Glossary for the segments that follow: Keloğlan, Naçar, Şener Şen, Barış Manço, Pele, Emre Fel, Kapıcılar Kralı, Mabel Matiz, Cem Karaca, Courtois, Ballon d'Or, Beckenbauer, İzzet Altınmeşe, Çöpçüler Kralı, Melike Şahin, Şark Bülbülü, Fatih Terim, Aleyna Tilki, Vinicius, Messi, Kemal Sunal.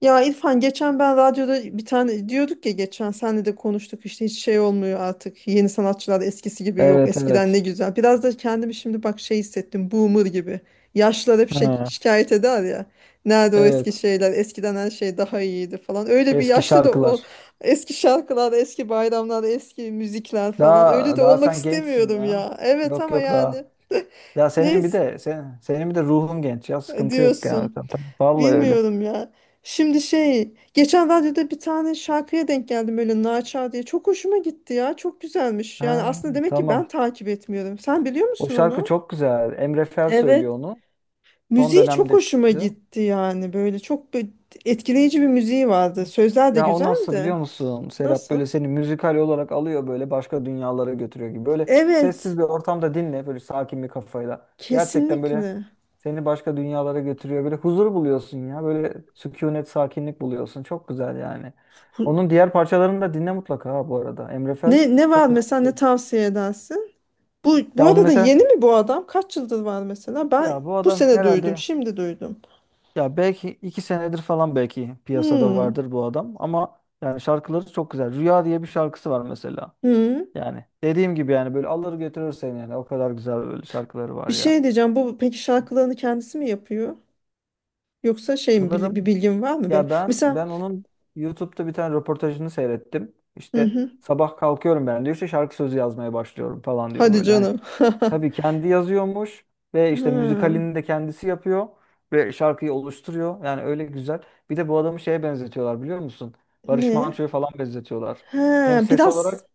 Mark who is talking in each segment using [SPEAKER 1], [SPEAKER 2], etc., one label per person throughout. [SPEAKER 1] Ya İrfan, geçen ben radyoda bir tane diyorduk ya, geçen senle de konuştuk işte. Hiç şey olmuyor artık, yeni sanatçılar eskisi gibi yok.
[SPEAKER 2] Evet
[SPEAKER 1] Eskiden ne
[SPEAKER 2] evet.
[SPEAKER 1] güzel, biraz da kendimi şimdi bak şey hissettim, boomer gibi. Yaşlılar hep şey,
[SPEAKER 2] Ha.
[SPEAKER 1] şikayet eder ya, nerede o eski
[SPEAKER 2] Evet.
[SPEAKER 1] şeyler, eskiden her şey daha iyiydi falan, öyle bir
[SPEAKER 2] Eski
[SPEAKER 1] yaşlı da o
[SPEAKER 2] şarkılar.
[SPEAKER 1] eski şarkılar, eski bayramlar, eski müzikler falan. Öyle
[SPEAKER 2] Daha
[SPEAKER 1] de
[SPEAKER 2] daha
[SPEAKER 1] olmak
[SPEAKER 2] sen gençsin
[SPEAKER 1] istemiyorum
[SPEAKER 2] ya.
[SPEAKER 1] ya. Evet,
[SPEAKER 2] Yok
[SPEAKER 1] ama
[SPEAKER 2] yok
[SPEAKER 1] yani
[SPEAKER 2] daha. Ya
[SPEAKER 1] neyse
[SPEAKER 2] senin bir de ruhun genç ya. Sıkıntı yok yani.
[SPEAKER 1] diyorsun.
[SPEAKER 2] Vallahi öyle.
[SPEAKER 1] Bilmiyorum ya. Şimdi şey, geçen radyoda bir tane şarkıya denk geldim, öyle Naçar diye. Çok hoşuma gitti ya. Çok güzelmiş. Yani
[SPEAKER 2] Ha,
[SPEAKER 1] aslında demek ki
[SPEAKER 2] tamam.
[SPEAKER 1] ben takip etmiyorum. Sen biliyor
[SPEAKER 2] O
[SPEAKER 1] musun
[SPEAKER 2] şarkı
[SPEAKER 1] onu?
[SPEAKER 2] çok güzel. Emre Fel
[SPEAKER 1] Evet.
[SPEAKER 2] söylüyor onu. Son
[SPEAKER 1] Müziği çok
[SPEAKER 2] dönemde
[SPEAKER 1] hoşuma
[SPEAKER 2] çıktı.
[SPEAKER 1] gitti yani. Böyle çok etkileyici bir müziği vardı. Sözler de
[SPEAKER 2] Ya o nasıl
[SPEAKER 1] güzeldi.
[SPEAKER 2] biliyor musun Serap?
[SPEAKER 1] Nasıl?
[SPEAKER 2] Böyle seni müzikal olarak alıyor, böyle başka dünyalara götürüyor gibi. Böyle sessiz
[SPEAKER 1] Evet,
[SPEAKER 2] bir ortamda dinle, böyle sakin bir kafayla. Gerçekten böyle
[SPEAKER 1] kesinlikle.
[SPEAKER 2] seni başka dünyalara götürüyor. Böyle huzur buluyorsun ya. Böyle sükunet, sakinlik buluyorsun. Çok güzel yani.
[SPEAKER 1] Hu-
[SPEAKER 2] Onun diğer parçalarını da dinle mutlaka ha, bu arada. Emre Fel
[SPEAKER 1] ne var
[SPEAKER 2] çok güzel
[SPEAKER 1] mesela, ne
[SPEAKER 2] söylüyor.
[SPEAKER 1] tavsiye edersin? Bu
[SPEAKER 2] Ya onu
[SPEAKER 1] arada da yeni
[SPEAKER 2] mesela,
[SPEAKER 1] mi bu adam? Kaç yıldır var mesela? Ben
[SPEAKER 2] ya bu
[SPEAKER 1] bu
[SPEAKER 2] adam
[SPEAKER 1] sene duydum,
[SPEAKER 2] herhalde,
[SPEAKER 1] şimdi duydum.
[SPEAKER 2] ya belki 2 senedir falan belki piyasada
[SPEAKER 1] Hmm.
[SPEAKER 2] vardır bu adam, ama yani şarkıları çok güzel. Rüya diye bir şarkısı var mesela.
[SPEAKER 1] Hı.
[SPEAKER 2] Yani dediğim gibi, yani böyle alır götürür seni, yani o kadar güzel böyle şarkıları
[SPEAKER 1] Bir
[SPEAKER 2] var ya.
[SPEAKER 1] şey diyeceğim. Bu peki şarkılarını kendisi mi yapıyor? Yoksa şey mi, bir
[SPEAKER 2] Sanırım,
[SPEAKER 1] bilgin var mı böyle?
[SPEAKER 2] ya ben
[SPEAKER 1] Mesela
[SPEAKER 2] ben onun YouTube'da bir tane röportajını seyrettim.
[SPEAKER 1] hı
[SPEAKER 2] İşte
[SPEAKER 1] hı.
[SPEAKER 2] sabah kalkıyorum ben diyor, işte şarkı sözü yazmaya başlıyorum falan diyor
[SPEAKER 1] Hadi
[SPEAKER 2] böyle. Hani
[SPEAKER 1] canım.
[SPEAKER 2] tabii kendi yazıyormuş ve işte
[SPEAKER 1] Ha,
[SPEAKER 2] müzikalini de kendisi yapıyor ve şarkıyı oluşturuyor. Yani öyle güzel. Bir de bu adamı şeye benzetiyorlar, biliyor musun? Barış
[SPEAKER 1] ne?
[SPEAKER 2] Manço'ya falan benzetiyorlar. Hem
[SPEAKER 1] Ha,
[SPEAKER 2] ses
[SPEAKER 1] biraz
[SPEAKER 2] olarak,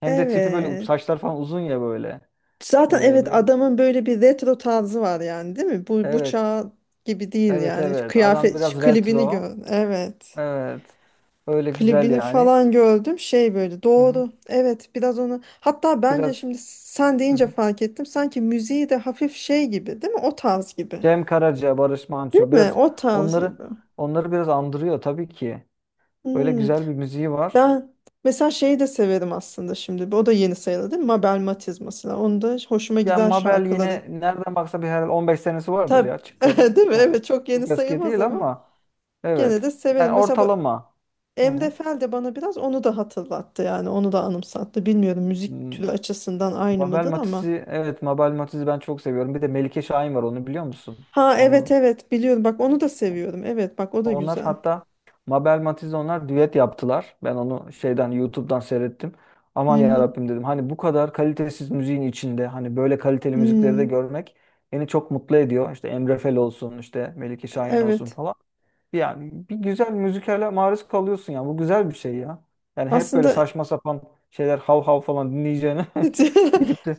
[SPEAKER 2] hem de tipi böyle,
[SPEAKER 1] evet.
[SPEAKER 2] saçlar falan uzun ya böyle.
[SPEAKER 1] Zaten
[SPEAKER 2] Ve
[SPEAKER 1] evet,
[SPEAKER 2] biraz,
[SPEAKER 1] adamın böyle bir retro tarzı var yani, değil mi? Bu
[SPEAKER 2] evet
[SPEAKER 1] çağ gibi değil
[SPEAKER 2] evet
[SPEAKER 1] yani. Şu
[SPEAKER 2] evet, adam
[SPEAKER 1] Kıyafet şu
[SPEAKER 2] biraz
[SPEAKER 1] klibini
[SPEAKER 2] retro.
[SPEAKER 1] gör. Evet.
[SPEAKER 2] Evet. Öyle güzel
[SPEAKER 1] Klibini
[SPEAKER 2] yani.
[SPEAKER 1] falan gördüm. Şey, böyle
[SPEAKER 2] Hı hı.
[SPEAKER 1] doğru. Evet, biraz onu. Hatta bence
[SPEAKER 2] Biraz.
[SPEAKER 1] şimdi sen
[SPEAKER 2] Hı
[SPEAKER 1] deyince
[SPEAKER 2] hı.
[SPEAKER 1] fark ettim. Sanki müziği de hafif şey gibi, değil mi? O tarz gibi.
[SPEAKER 2] Cem Karaca, Barış
[SPEAKER 1] Değil
[SPEAKER 2] Manço,
[SPEAKER 1] mi?
[SPEAKER 2] biraz
[SPEAKER 1] O tarz
[SPEAKER 2] onları
[SPEAKER 1] gibi.
[SPEAKER 2] onları biraz andırıyor tabii ki. Böyle
[SPEAKER 1] Hmm.
[SPEAKER 2] güzel bir müziği var.
[SPEAKER 1] Ben mesela şeyi de severim aslında, şimdi. O da yeni sayılır, değil mi? Mabel Matiz mesela. Onu da hoşuma
[SPEAKER 2] Yani
[SPEAKER 1] giden
[SPEAKER 2] Mabel
[SPEAKER 1] şarkıları.
[SPEAKER 2] yine nereden baksa bir herhalde 15 senesi vardır
[SPEAKER 1] Tabii.
[SPEAKER 2] ya çıkalı.
[SPEAKER 1] Değil mi?
[SPEAKER 2] Ya,
[SPEAKER 1] Evet, çok yeni
[SPEAKER 2] çok eski
[SPEAKER 1] sayılmaz
[SPEAKER 2] değil
[SPEAKER 1] ama
[SPEAKER 2] ama,
[SPEAKER 1] gene
[SPEAKER 2] evet.
[SPEAKER 1] de severim.
[SPEAKER 2] Yani
[SPEAKER 1] Mesela bu
[SPEAKER 2] ortalama. Hı
[SPEAKER 1] Emre
[SPEAKER 2] hı.
[SPEAKER 1] Fel de bana biraz onu da hatırlattı yani. Onu da anımsattı. Bilmiyorum, müzik türü
[SPEAKER 2] Hmm,
[SPEAKER 1] açısından aynı
[SPEAKER 2] Mabel
[SPEAKER 1] mıdır ama.
[SPEAKER 2] Matiz'i, evet, Mabel Matiz'i ben çok seviyorum. Bir de Melike Şahin var, onu biliyor musun?
[SPEAKER 1] Ha evet evet, biliyorum. Bak, onu da seviyorum. Evet bak, o da
[SPEAKER 2] Onlar
[SPEAKER 1] güzel.
[SPEAKER 2] hatta Mabel Matiz'le onlar düet yaptılar. Ben onu şeyden, YouTube'dan seyrettim. Aman
[SPEAKER 1] Hı
[SPEAKER 2] ya
[SPEAKER 1] hı.
[SPEAKER 2] Rabbim dedim. Hani bu kadar kalitesiz müziğin içinde hani böyle kaliteli müzikleri de
[SPEAKER 1] Hmm.
[SPEAKER 2] görmek beni çok mutlu ediyor. İşte Emre Fel olsun, işte Melike Şahin olsun
[SPEAKER 1] Evet.
[SPEAKER 2] falan. Yani bir güzel müzikale maruz kalıyorsun ya. Bu güzel bir şey ya. Yani hep böyle
[SPEAKER 1] Aslında
[SPEAKER 2] saçma sapan şeyler, hav hav falan dinleyeceğine gidip de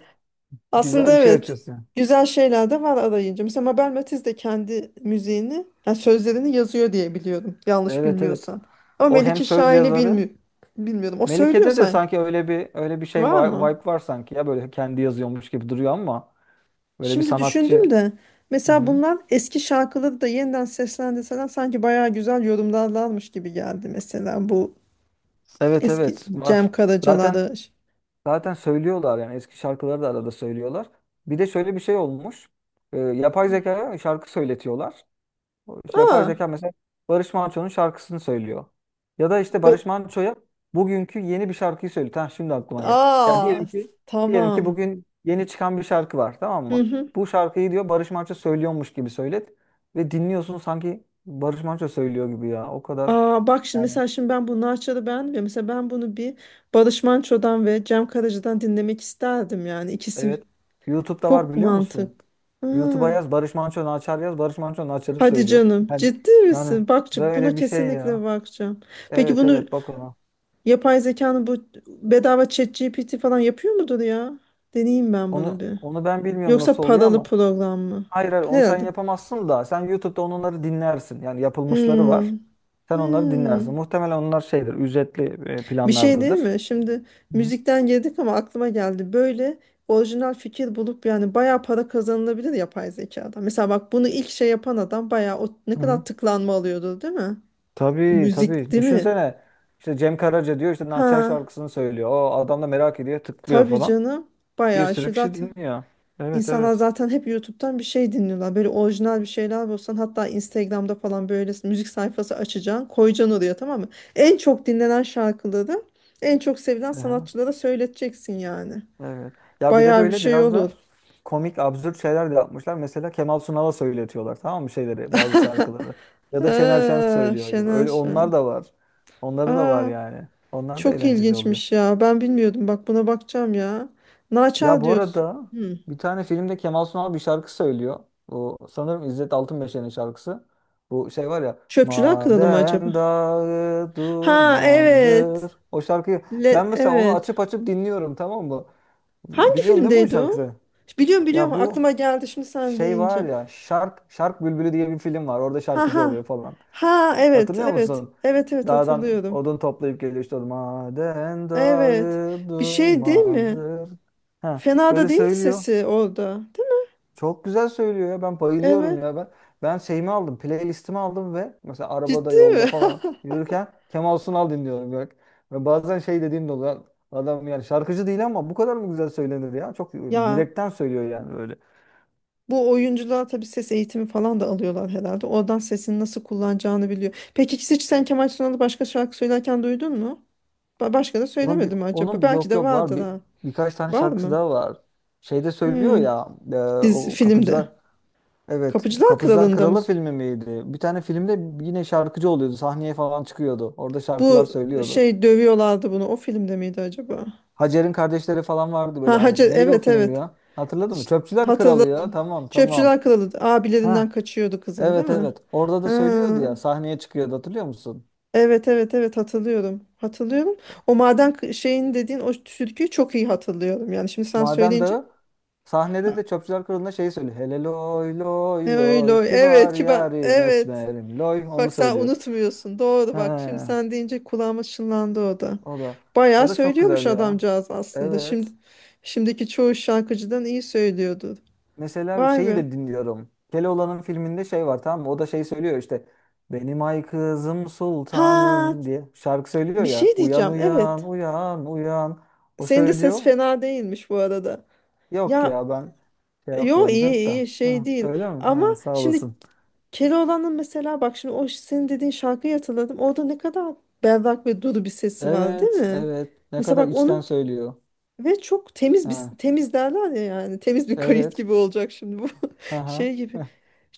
[SPEAKER 1] aslında
[SPEAKER 2] güzel bir şey
[SPEAKER 1] evet.
[SPEAKER 2] açıyorsun yani.
[SPEAKER 1] Güzel şeyler de var arayınca. Mesela Mabel Matiz de kendi müziğini, yani sözlerini yazıyor diye biliyorum. Yanlış
[SPEAKER 2] Evet evet.
[SPEAKER 1] bilmiyorsam. Ama
[SPEAKER 2] O hem
[SPEAKER 1] Melike
[SPEAKER 2] söz
[SPEAKER 1] Şahin'i
[SPEAKER 2] yazarı.
[SPEAKER 1] bilmiyorum. O söylüyor
[SPEAKER 2] Melike'de de
[SPEAKER 1] sanki.
[SPEAKER 2] sanki öyle bir şey,
[SPEAKER 1] Var mı?
[SPEAKER 2] vibe var sanki ya, böyle kendi yazıyormuş gibi duruyor ama, böyle bir
[SPEAKER 1] Şimdi
[SPEAKER 2] sanatçı.
[SPEAKER 1] düşündüm de mesela
[SPEAKER 2] Hı-hı.
[SPEAKER 1] bunlar eski şarkıları da yeniden seslendirseler sanki bayağı güzel yorumlarlarmış gibi geldi, mesela bu
[SPEAKER 2] Evet
[SPEAKER 1] eski
[SPEAKER 2] evet
[SPEAKER 1] Cem
[SPEAKER 2] var. Zaten
[SPEAKER 1] Karaca'larda.
[SPEAKER 2] söylüyorlar yani, eski şarkıları da arada söylüyorlar. Bir de şöyle bir şey olmuş. Yapay zekaya şarkı söyletiyorlar. O işte yapay
[SPEAKER 1] Aa,
[SPEAKER 2] zeka mesela Barış Manço'nun şarkısını söylüyor. Ya da işte
[SPEAKER 1] be-
[SPEAKER 2] Barış Manço'ya bugünkü yeni bir şarkıyı söylüyor. Ha, şimdi aklıma geldi. Ya
[SPEAKER 1] aa,
[SPEAKER 2] diyelim ki diyelim
[SPEAKER 1] tamam.
[SPEAKER 2] ki bugün yeni çıkan bir şarkı var, tamam
[SPEAKER 1] Hı
[SPEAKER 2] mı?
[SPEAKER 1] hı.
[SPEAKER 2] Bu şarkıyı diyor Barış Manço söylüyormuş gibi söylet, ve dinliyorsun sanki Barış Manço söylüyor gibi ya. O kadar
[SPEAKER 1] Aa, bak şimdi,
[SPEAKER 2] yani.
[SPEAKER 1] mesela şimdi ben bu Narçar'ı beğenmiyorum. Mesela ben bunu bir Barış Manço'dan ve Cem Karaca'dan dinlemek isterdim yani. İkisi
[SPEAKER 2] Evet. YouTube'da var,
[SPEAKER 1] çok
[SPEAKER 2] biliyor musun?
[SPEAKER 1] mantık. Ha,
[SPEAKER 2] YouTube'a yaz Barış Manço Naçar, yaz Barış Manço Naçar'ı
[SPEAKER 1] hadi
[SPEAKER 2] söylüyor.
[SPEAKER 1] canım,
[SPEAKER 2] Yani,
[SPEAKER 1] ciddi
[SPEAKER 2] yani
[SPEAKER 1] misin? Bak, buna
[SPEAKER 2] böyle bir şey ya.
[SPEAKER 1] kesinlikle bakacağım. Peki
[SPEAKER 2] Evet
[SPEAKER 1] bunu,
[SPEAKER 2] evet, bak ona.
[SPEAKER 1] yapay zekanın bu, bedava ChatGPT falan yapıyor mudur ya? Deneyeyim ben
[SPEAKER 2] Onu
[SPEAKER 1] bunu bir.
[SPEAKER 2] onu ben bilmiyorum
[SPEAKER 1] Yoksa
[SPEAKER 2] nasıl oluyor
[SPEAKER 1] paralı
[SPEAKER 2] ama.
[SPEAKER 1] program mı?
[SPEAKER 2] Hayır hayır, onu sen
[SPEAKER 1] Herhalde.
[SPEAKER 2] yapamazsın, da sen YouTube'da onları dinlersin. Yani yapılmışları var.
[SPEAKER 1] Hmm,
[SPEAKER 2] Sen onları dinlersin.
[SPEAKER 1] hmm.
[SPEAKER 2] Muhtemelen onlar şeydir, ücretli
[SPEAKER 1] Bir şey değil
[SPEAKER 2] planlardadır.
[SPEAKER 1] mi? Şimdi
[SPEAKER 2] Hı
[SPEAKER 1] müzikten girdik ama aklıma geldi. Böyle orijinal fikir bulup yani bayağı para kazanılabilir yapay zekadan. Mesela bak, bunu ilk şey yapan adam bayağı, o ne
[SPEAKER 2] hı. Hı.
[SPEAKER 1] kadar tıklanma alıyordu değil mi?
[SPEAKER 2] Tabii
[SPEAKER 1] Müzik,
[SPEAKER 2] tabii.
[SPEAKER 1] değil mi?
[SPEAKER 2] Düşünsene işte Cem Karaca diyor, işte Naçar
[SPEAKER 1] Ha,
[SPEAKER 2] şarkısını söylüyor. O adam da merak ediyor, tıklıyor
[SPEAKER 1] tabii
[SPEAKER 2] falan.
[SPEAKER 1] canım.
[SPEAKER 2] Bir
[SPEAKER 1] Bayağı
[SPEAKER 2] sürü
[SPEAKER 1] şey
[SPEAKER 2] kişi
[SPEAKER 1] zaten.
[SPEAKER 2] dinliyor. Evet
[SPEAKER 1] İnsanlar
[SPEAKER 2] evet.
[SPEAKER 1] zaten hep YouTube'dan bir şey dinliyorlar. Böyle orijinal bir şeyler bulsan, hatta Instagram'da falan böyle müzik sayfası açacaksın. Koyacaksın oraya, tamam mı? En çok dinlenen şarkıları en çok sevilen
[SPEAKER 2] Hı.
[SPEAKER 1] sanatçılara söyleteceksin yani.
[SPEAKER 2] Evet. Ya bir de
[SPEAKER 1] Bayağı bir
[SPEAKER 2] böyle
[SPEAKER 1] şey
[SPEAKER 2] biraz
[SPEAKER 1] olur.
[SPEAKER 2] da komik, absürt şeyler de yapmışlar. Mesela Kemal Sunal'a söyletiyorlar, tamam mı, şeyleri, bazı şarkıları. Ya da Şener Şen
[SPEAKER 1] Aa,
[SPEAKER 2] söylüyor gibi.
[SPEAKER 1] Şener
[SPEAKER 2] Öyle onlar
[SPEAKER 1] Şen.
[SPEAKER 2] da var. Onları da var
[SPEAKER 1] Aa,
[SPEAKER 2] yani. Onlar da
[SPEAKER 1] çok
[SPEAKER 2] eğlenceli oluyor.
[SPEAKER 1] ilginçmiş ya. Ben bilmiyordum. Bak, buna bakacağım ya.
[SPEAKER 2] Ya
[SPEAKER 1] Naçal
[SPEAKER 2] bu
[SPEAKER 1] diyorsun.
[SPEAKER 2] arada,
[SPEAKER 1] Hmm.
[SPEAKER 2] bir tane filmde Kemal Sunal bir şarkı söylüyor. Bu sanırım İzzet Altınmeşe'nin şarkısı. Bu şey var ya,
[SPEAKER 1] Çöpçüler Kralı mı acaba?
[SPEAKER 2] Maden dağı
[SPEAKER 1] Ha evet.
[SPEAKER 2] dumandır. O şarkıyı
[SPEAKER 1] Le-
[SPEAKER 2] ben mesela onu
[SPEAKER 1] evet.
[SPEAKER 2] açıp açıp dinliyorum, tamam mı?
[SPEAKER 1] Hangi
[SPEAKER 2] Biliyorsun değil mi o
[SPEAKER 1] filmdeydi o?
[SPEAKER 2] şarkıyı?
[SPEAKER 1] Biliyorum biliyorum,
[SPEAKER 2] Ya bu,
[SPEAKER 1] aklıma geldi şimdi sen
[SPEAKER 2] şey var
[SPEAKER 1] deyince.
[SPEAKER 2] ya, Şark Bülbülü diye bir film var. Orada
[SPEAKER 1] Ha
[SPEAKER 2] şarkıcı
[SPEAKER 1] ha.
[SPEAKER 2] oluyor falan.
[SPEAKER 1] Ha evet
[SPEAKER 2] Hatırlıyor
[SPEAKER 1] evet.
[SPEAKER 2] musun?
[SPEAKER 1] Evet evet,
[SPEAKER 2] Dağdan
[SPEAKER 1] hatırlıyorum.
[SPEAKER 2] odun toplayıp geliyor, işte odun. Maden
[SPEAKER 1] Evet.
[SPEAKER 2] dağı
[SPEAKER 1] Bir şey değil mi?
[SPEAKER 2] dumandır. Ha,
[SPEAKER 1] Fena da
[SPEAKER 2] öyle
[SPEAKER 1] değildi
[SPEAKER 2] söylüyor.
[SPEAKER 1] sesi orada. Değil mi?
[SPEAKER 2] Çok güzel söylüyor ya. Ben bayılıyorum
[SPEAKER 1] Evet.
[SPEAKER 2] ya. Ben şeyimi aldım. Playlistimi aldım ve mesela arabada,
[SPEAKER 1] Ciddi
[SPEAKER 2] yolda
[SPEAKER 1] mi?
[SPEAKER 2] falan yürürken Kemal Sunal dinliyorum. Bak. Ve bazen şey dediğim de oluyor. Adam yani şarkıcı değil ama bu kadar mı güzel söylenir ya? Çok
[SPEAKER 1] Ya
[SPEAKER 2] yürekten söylüyor yani böyle.
[SPEAKER 1] bu oyuncular tabii ses eğitimi falan da alıyorlar herhalde. Oradan sesini nasıl kullanacağını biliyor. Peki hiç sen Kemal Sunal'ı başka şarkı söylerken duydun mu? Başka da
[SPEAKER 2] Onun bir
[SPEAKER 1] söylemedi mi acaba?
[SPEAKER 2] onun bir
[SPEAKER 1] Belki
[SPEAKER 2] yok
[SPEAKER 1] de
[SPEAKER 2] yok, var
[SPEAKER 1] vardır,
[SPEAKER 2] bir
[SPEAKER 1] ha.
[SPEAKER 2] birkaç tane
[SPEAKER 1] Var
[SPEAKER 2] şarkısı
[SPEAKER 1] mı?
[SPEAKER 2] daha var. Şeyde söylüyor
[SPEAKER 1] Hmm.
[SPEAKER 2] ya, e,
[SPEAKER 1] Dizi,
[SPEAKER 2] o
[SPEAKER 1] filmde.
[SPEAKER 2] kapıcılar, evet,
[SPEAKER 1] Kapıcılar
[SPEAKER 2] Kapıcılar
[SPEAKER 1] Kralı'nda mı?
[SPEAKER 2] Kralı filmi miydi? Bir tane filmde yine şarkıcı oluyordu. Sahneye falan çıkıyordu. Orada şarkılar
[SPEAKER 1] Bu,
[SPEAKER 2] söylüyordu.
[SPEAKER 1] şey dövüyorlardı bunu. O filmde miydi acaba?
[SPEAKER 2] Hacer'in kardeşleri falan vardı böyle,
[SPEAKER 1] Ha, Hacı,
[SPEAKER 2] hani. Neydi o
[SPEAKER 1] evet
[SPEAKER 2] film
[SPEAKER 1] evet.
[SPEAKER 2] ya? Hatırladın mı?
[SPEAKER 1] Ş-
[SPEAKER 2] Çöpçüler Kralı ya.
[SPEAKER 1] Hatırladım.
[SPEAKER 2] Tamam tamam.
[SPEAKER 1] Çöpçüler Kralı, abilerinden
[SPEAKER 2] Ha
[SPEAKER 1] kaçıyordu kızın, değil
[SPEAKER 2] evet
[SPEAKER 1] mi?
[SPEAKER 2] evet. Orada
[SPEAKER 1] Ha,
[SPEAKER 2] da söylüyordu ya. Sahneye çıkıyordu, hatırlıyor musun?
[SPEAKER 1] evet evet evet, hatırlıyorum. Hatırlıyorum. O maden şeyin dediğin o türküyü çok iyi hatırlıyorum. Yani şimdi sen
[SPEAKER 2] Maden
[SPEAKER 1] söyleyince
[SPEAKER 2] Dağı,
[SPEAKER 1] ha,
[SPEAKER 2] sahnede de Çöpçüler Kralı'nda şeyi söylüyor. Hele loy loy
[SPEAKER 1] öyle
[SPEAKER 2] loy,
[SPEAKER 1] öyle. Evet,
[SPEAKER 2] kibar
[SPEAKER 1] kibar.
[SPEAKER 2] yarim
[SPEAKER 1] Evet.
[SPEAKER 2] esmerim loy, onu
[SPEAKER 1] Bak sen
[SPEAKER 2] söylüyor.
[SPEAKER 1] unutmuyorsun. Doğru
[SPEAKER 2] He,
[SPEAKER 1] bak. Şimdi sen deyince kulağıma çınlandı o da.
[SPEAKER 2] o da, o
[SPEAKER 1] Bayağı
[SPEAKER 2] da çok
[SPEAKER 1] söylüyormuş
[SPEAKER 2] güzel ya.
[SPEAKER 1] adamcağız aslında. Şimdi
[SPEAKER 2] Evet.
[SPEAKER 1] şimdiki çoğu şarkıcıdan iyi söylüyordu.
[SPEAKER 2] Mesela
[SPEAKER 1] Vay
[SPEAKER 2] şeyi
[SPEAKER 1] be.
[SPEAKER 2] de dinliyorum. Keloğlan'ın filminde şey var, tamam mı? O da şey söylüyor işte. Benim ay kızım
[SPEAKER 1] Ha,
[SPEAKER 2] sultanım diye şarkı söylüyor
[SPEAKER 1] bir
[SPEAKER 2] ya.
[SPEAKER 1] şey
[SPEAKER 2] Uyan
[SPEAKER 1] diyeceğim. Evet.
[SPEAKER 2] uyan uyan uyan. O
[SPEAKER 1] Senin de ses
[SPEAKER 2] söylüyor.
[SPEAKER 1] fena değilmiş bu arada.
[SPEAKER 2] Yok
[SPEAKER 1] Ya,
[SPEAKER 2] ya, ben şey
[SPEAKER 1] yo
[SPEAKER 2] yapmıyorum
[SPEAKER 1] iyi
[SPEAKER 2] çok da.
[SPEAKER 1] iyi, şey
[SPEAKER 2] Ha,
[SPEAKER 1] değil.
[SPEAKER 2] öyle mi?
[SPEAKER 1] Ama
[SPEAKER 2] Ha, sağ
[SPEAKER 1] şimdi
[SPEAKER 2] olasın.
[SPEAKER 1] Keloğlan'ın, mesela bak şimdi, o senin dediğin şarkıyı hatırladım. Orada ne kadar berrak ve duru bir sesi var, değil
[SPEAKER 2] Evet,
[SPEAKER 1] mi?
[SPEAKER 2] evet. Ne
[SPEAKER 1] Mesela
[SPEAKER 2] kadar
[SPEAKER 1] bak,
[SPEAKER 2] içten
[SPEAKER 1] onun
[SPEAKER 2] söylüyor.
[SPEAKER 1] ve çok temiz bir,
[SPEAKER 2] Ha,
[SPEAKER 1] temiz derler ya, yani temiz bir kayıt
[SPEAKER 2] evet.
[SPEAKER 1] gibi olacak şimdi bu
[SPEAKER 2] Aha.
[SPEAKER 1] şey gibi.
[SPEAKER 2] Heh.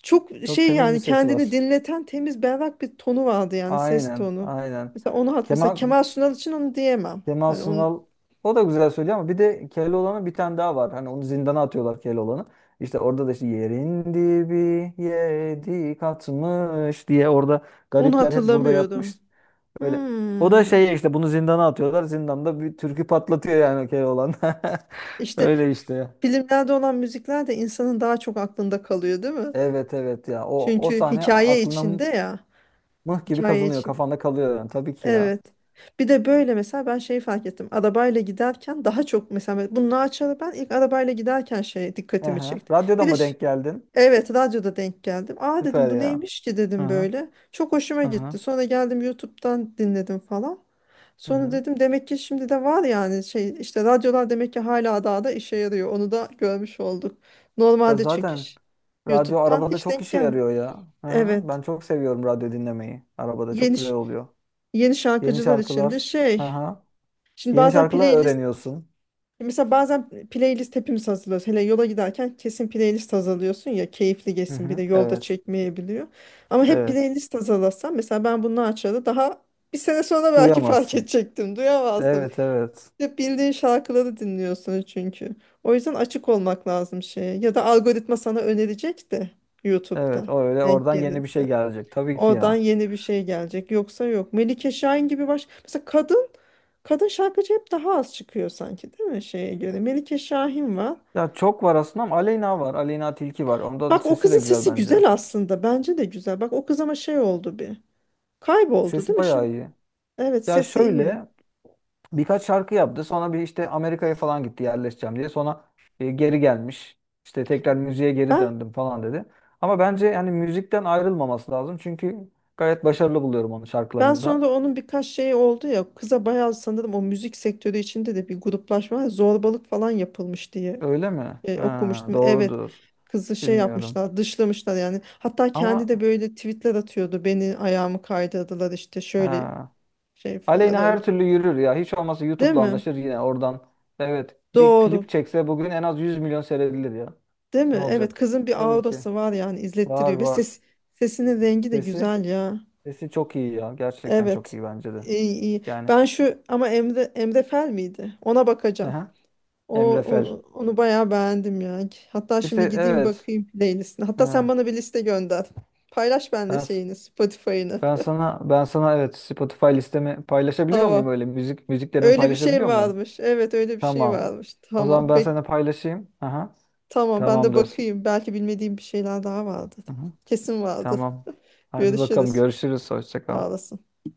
[SPEAKER 1] Çok
[SPEAKER 2] Çok
[SPEAKER 1] şey
[SPEAKER 2] temiz bir
[SPEAKER 1] yani,
[SPEAKER 2] sesi var.
[SPEAKER 1] kendini dinleten temiz berrak bir tonu vardı yani, ses
[SPEAKER 2] Aynen,
[SPEAKER 1] tonu.
[SPEAKER 2] aynen.
[SPEAKER 1] Mesela onu hat, mesela
[SPEAKER 2] Kemal
[SPEAKER 1] Kemal Sunal için onu diyemem.
[SPEAKER 2] Kemal
[SPEAKER 1] Hani onu,
[SPEAKER 2] Sunal o da güzel söylüyor ama bir de Keloğlan'ın bir tane daha var. Hani onu zindana atıyorlar, Keloğlan'ı. İşte orada da işte, yerin dibi yedi katmış diye, orada
[SPEAKER 1] onu
[SPEAKER 2] garipler hep burada
[SPEAKER 1] hatırlamıyorum.
[SPEAKER 2] yatmış. Öyle. O da
[SPEAKER 1] Hmm.
[SPEAKER 2] şey, işte bunu zindana atıyorlar. Zindanda bir türkü patlatıyor yani Keloğlan.
[SPEAKER 1] İşte
[SPEAKER 2] Öyle işte.
[SPEAKER 1] filmlerde olan müzikler de insanın daha çok aklında kalıyor, değil mi?
[SPEAKER 2] Evet evet ya, o
[SPEAKER 1] Çünkü
[SPEAKER 2] sahne
[SPEAKER 1] hikaye
[SPEAKER 2] aklına
[SPEAKER 1] içinde ya.
[SPEAKER 2] mıh gibi
[SPEAKER 1] Hikaye
[SPEAKER 2] kazınıyor,
[SPEAKER 1] için.
[SPEAKER 2] kafanda kalıyor yani tabii ki ya.
[SPEAKER 1] Evet. Bir de böyle mesela ben şeyi fark ettim. Arabayla giderken daha çok, mesela bunu açarı ben ilk arabayla giderken şey dikkatimi
[SPEAKER 2] Ehe.
[SPEAKER 1] çekti.
[SPEAKER 2] Radyoda
[SPEAKER 1] Bir de
[SPEAKER 2] mı denk geldin?
[SPEAKER 1] Evet, radyoda denk geldim. Aa dedim,
[SPEAKER 2] Süper
[SPEAKER 1] bu
[SPEAKER 2] ya.
[SPEAKER 1] neymiş ki
[SPEAKER 2] Hı
[SPEAKER 1] dedim
[SPEAKER 2] hı.
[SPEAKER 1] böyle. Çok hoşuma
[SPEAKER 2] Hı
[SPEAKER 1] gitti.
[SPEAKER 2] hı.
[SPEAKER 1] Sonra geldim, YouTube'dan dinledim falan.
[SPEAKER 2] Hı
[SPEAKER 1] Sonra
[SPEAKER 2] hı.
[SPEAKER 1] dedim, demek ki şimdi de var yani, şey işte radyolar demek ki hala daha da işe yarıyor. Onu da görmş olduk.
[SPEAKER 2] Ya
[SPEAKER 1] Normalde çünkü
[SPEAKER 2] zaten radyo
[SPEAKER 1] YouTube'dan
[SPEAKER 2] arabada
[SPEAKER 1] hiç
[SPEAKER 2] çok
[SPEAKER 1] denk
[SPEAKER 2] işe
[SPEAKER 1] gelmiyor.
[SPEAKER 2] yarıyor ya. Hı hı.
[SPEAKER 1] Evet.
[SPEAKER 2] Ben çok seviyorum radyo dinlemeyi. Arabada çok
[SPEAKER 1] Yeni
[SPEAKER 2] güzel
[SPEAKER 1] ş-
[SPEAKER 2] oluyor.
[SPEAKER 1] yeni
[SPEAKER 2] Yeni
[SPEAKER 1] şarkıcılar için de
[SPEAKER 2] şarkılar. Hı
[SPEAKER 1] şey.
[SPEAKER 2] hı.
[SPEAKER 1] Şimdi
[SPEAKER 2] Yeni
[SPEAKER 1] bazen
[SPEAKER 2] şarkılar
[SPEAKER 1] playlist
[SPEAKER 2] öğreniyorsun.
[SPEAKER 1] Mesela bazen playlist hepimiz hazırlıyoruz. Hele yola giderken kesin playlist hazırlıyorsun ya, keyifli
[SPEAKER 2] Hı
[SPEAKER 1] geçsin, bir de
[SPEAKER 2] hı.
[SPEAKER 1] yolda
[SPEAKER 2] Evet.
[SPEAKER 1] çekmeyebiliyor. Ama hep
[SPEAKER 2] Evet.
[SPEAKER 1] playlist hazırlasam, mesela ben bunu açarı daha bir sene sonra belki fark
[SPEAKER 2] Duyamazsın.
[SPEAKER 1] edecektim. Duyamazdım.
[SPEAKER 2] Evet evet.
[SPEAKER 1] Hep bildiğin şarkıları dinliyorsun çünkü. O yüzden açık olmak lazım şeye. Ya da algoritma sana önerecek de
[SPEAKER 2] Evet,
[SPEAKER 1] YouTube'da
[SPEAKER 2] o öyle,
[SPEAKER 1] denk
[SPEAKER 2] oradan yeni bir şey
[SPEAKER 1] gelirse.
[SPEAKER 2] gelecek tabii ki
[SPEAKER 1] Oradan
[SPEAKER 2] ya.
[SPEAKER 1] yeni bir şey gelecek. Yoksa yok. Melike Şahin gibi Mesela kadın şarkıcı hep daha az çıkıyor sanki, değil mi şeye göre? Melike Şahin var.
[SPEAKER 2] Ya çok var aslında, ama Aleyna var. Aleyna Tilki var. Ondan
[SPEAKER 1] Bak o
[SPEAKER 2] sesi
[SPEAKER 1] kızın
[SPEAKER 2] de güzel
[SPEAKER 1] sesi
[SPEAKER 2] bence.
[SPEAKER 1] güzel aslında. Bence de güzel. Bak o kız ama şey oldu bir. Kayboldu değil
[SPEAKER 2] Sesi
[SPEAKER 1] mi şimdi?
[SPEAKER 2] bayağı iyi.
[SPEAKER 1] Evet,
[SPEAKER 2] Ya
[SPEAKER 1] sesi iyi.
[SPEAKER 2] şöyle, birkaç şarkı yaptı. Sonra bir işte Amerika'ya falan gitti, yerleşeceğim diye. Sonra geri gelmiş. İşte tekrar müziğe geri
[SPEAKER 1] Ben
[SPEAKER 2] döndüm falan dedi. Ama bence yani müzikten ayrılmaması lazım. Çünkü gayet başarılı buluyorum onun
[SPEAKER 1] ben
[SPEAKER 2] şarkılarını da.
[SPEAKER 1] sonra onun birkaç şeyi oldu ya. Kıza bayağı sanırım o müzik sektörü içinde de bir gruplaşma, zorbalık falan yapılmış diye
[SPEAKER 2] Öyle mi? Ha,
[SPEAKER 1] okumuştum. Evet.
[SPEAKER 2] doğrudur.
[SPEAKER 1] Kızı şey
[SPEAKER 2] Bilmiyorum.
[SPEAKER 1] yapmışlar, dışlamışlar yani. Hatta kendi
[SPEAKER 2] Ama
[SPEAKER 1] de böyle tweetler atıyordu. Beni ayağımı kaydırdılar işte, şöyle
[SPEAKER 2] ha.
[SPEAKER 1] şey falan
[SPEAKER 2] Aleyna her
[SPEAKER 1] oldu.
[SPEAKER 2] türlü yürür ya. Hiç olmazsa
[SPEAKER 1] Değil
[SPEAKER 2] YouTube'la
[SPEAKER 1] mi?
[SPEAKER 2] anlaşır yine oradan. Evet. Bir
[SPEAKER 1] Doğru.
[SPEAKER 2] klip çekse bugün en az 100 milyon seyredilir ya.
[SPEAKER 1] Değil
[SPEAKER 2] Ne
[SPEAKER 1] mi? Evet,
[SPEAKER 2] olacak?
[SPEAKER 1] kızın bir
[SPEAKER 2] Tabii ki.
[SPEAKER 1] aurası var yani,
[SPEAKER 2] Var
[SPEAKER 1] izlettiriyor ve
[SPEAKER 2] var.
[SPEAKER 1] sesinin rengi de
[SPEAKER 2] Sesi.
[SPEAKER 1] güzel ya.
[SPEAKER 2] Sesi çok iyi ya. Gerçekten çok
[SPEAKER 1] Evet.
[SPEAKER 2] iyi bence de.
[SPEAKER 1] İyi, iyi.
[SPEAKER 2] Yani.
[SPEAKER 1] Ben şu ama Emre Fel miydi? Ona bakacağım.
[SPEAKER 2] Aha.
[SPEAKER 1] O,
[SPEAKER 2] Emre Fel.
[SPEAKER 1] o- onu bayağı beğendim ya. Hatta
[SPEAKER 2] İşte
[SPEAKER 1] şimdi gideyim
[SPEAKER 2] evet.
[SPEAKER 1] bakayım playlistine. Hatta sen
[SPEAKER 2] Aha.
[SPEAKER 1] bana bir liste gönder. Paylaş bende
[SPEAKER 2] Ben
[SPEAKER 1] şeyini, Spotify'ını.
[SPEAKER 2] ben sana evet, Spotify listemi paylaşabiliyor muyum,
[SPEAKER 1] Tamam.
[SPEAKER 2] öyle müziklerimi
[SPEAKER 1] Öyle bir şey
[SPEAKER 2] paylaşabiliyor muyum?
[SPEAKER 1] varmış. Evet, öyle bir şey
[SPEAKER 2] Tamam.
[SPEAKER 1] varmış.
[SPEAKER 2] O zaman
[SPEAKER 1] Tamam.
[SPEAKER 2] ben sana
[SPEAKER 1] Bek
[SPEAKER 2] paylaşayım. Aha.
[SPEAKER 1] tamam ben de
[SPEAKER 2] Tamamdır.
[SPEAKER 1] bakayım. Belki bilmediğim bir şeyler daha vardır.
[SPEAKER 2] Aha.
[SPEAKER 1] Kesin vardır.
[SPEAKER 2] Tamam. Hadi bakalım,
[SPEAKER 1] Görüşürüz.
[SPEAKER 2] görüşürüz. Hoşça kal.
[SPEAKER 1] Sağ olasın.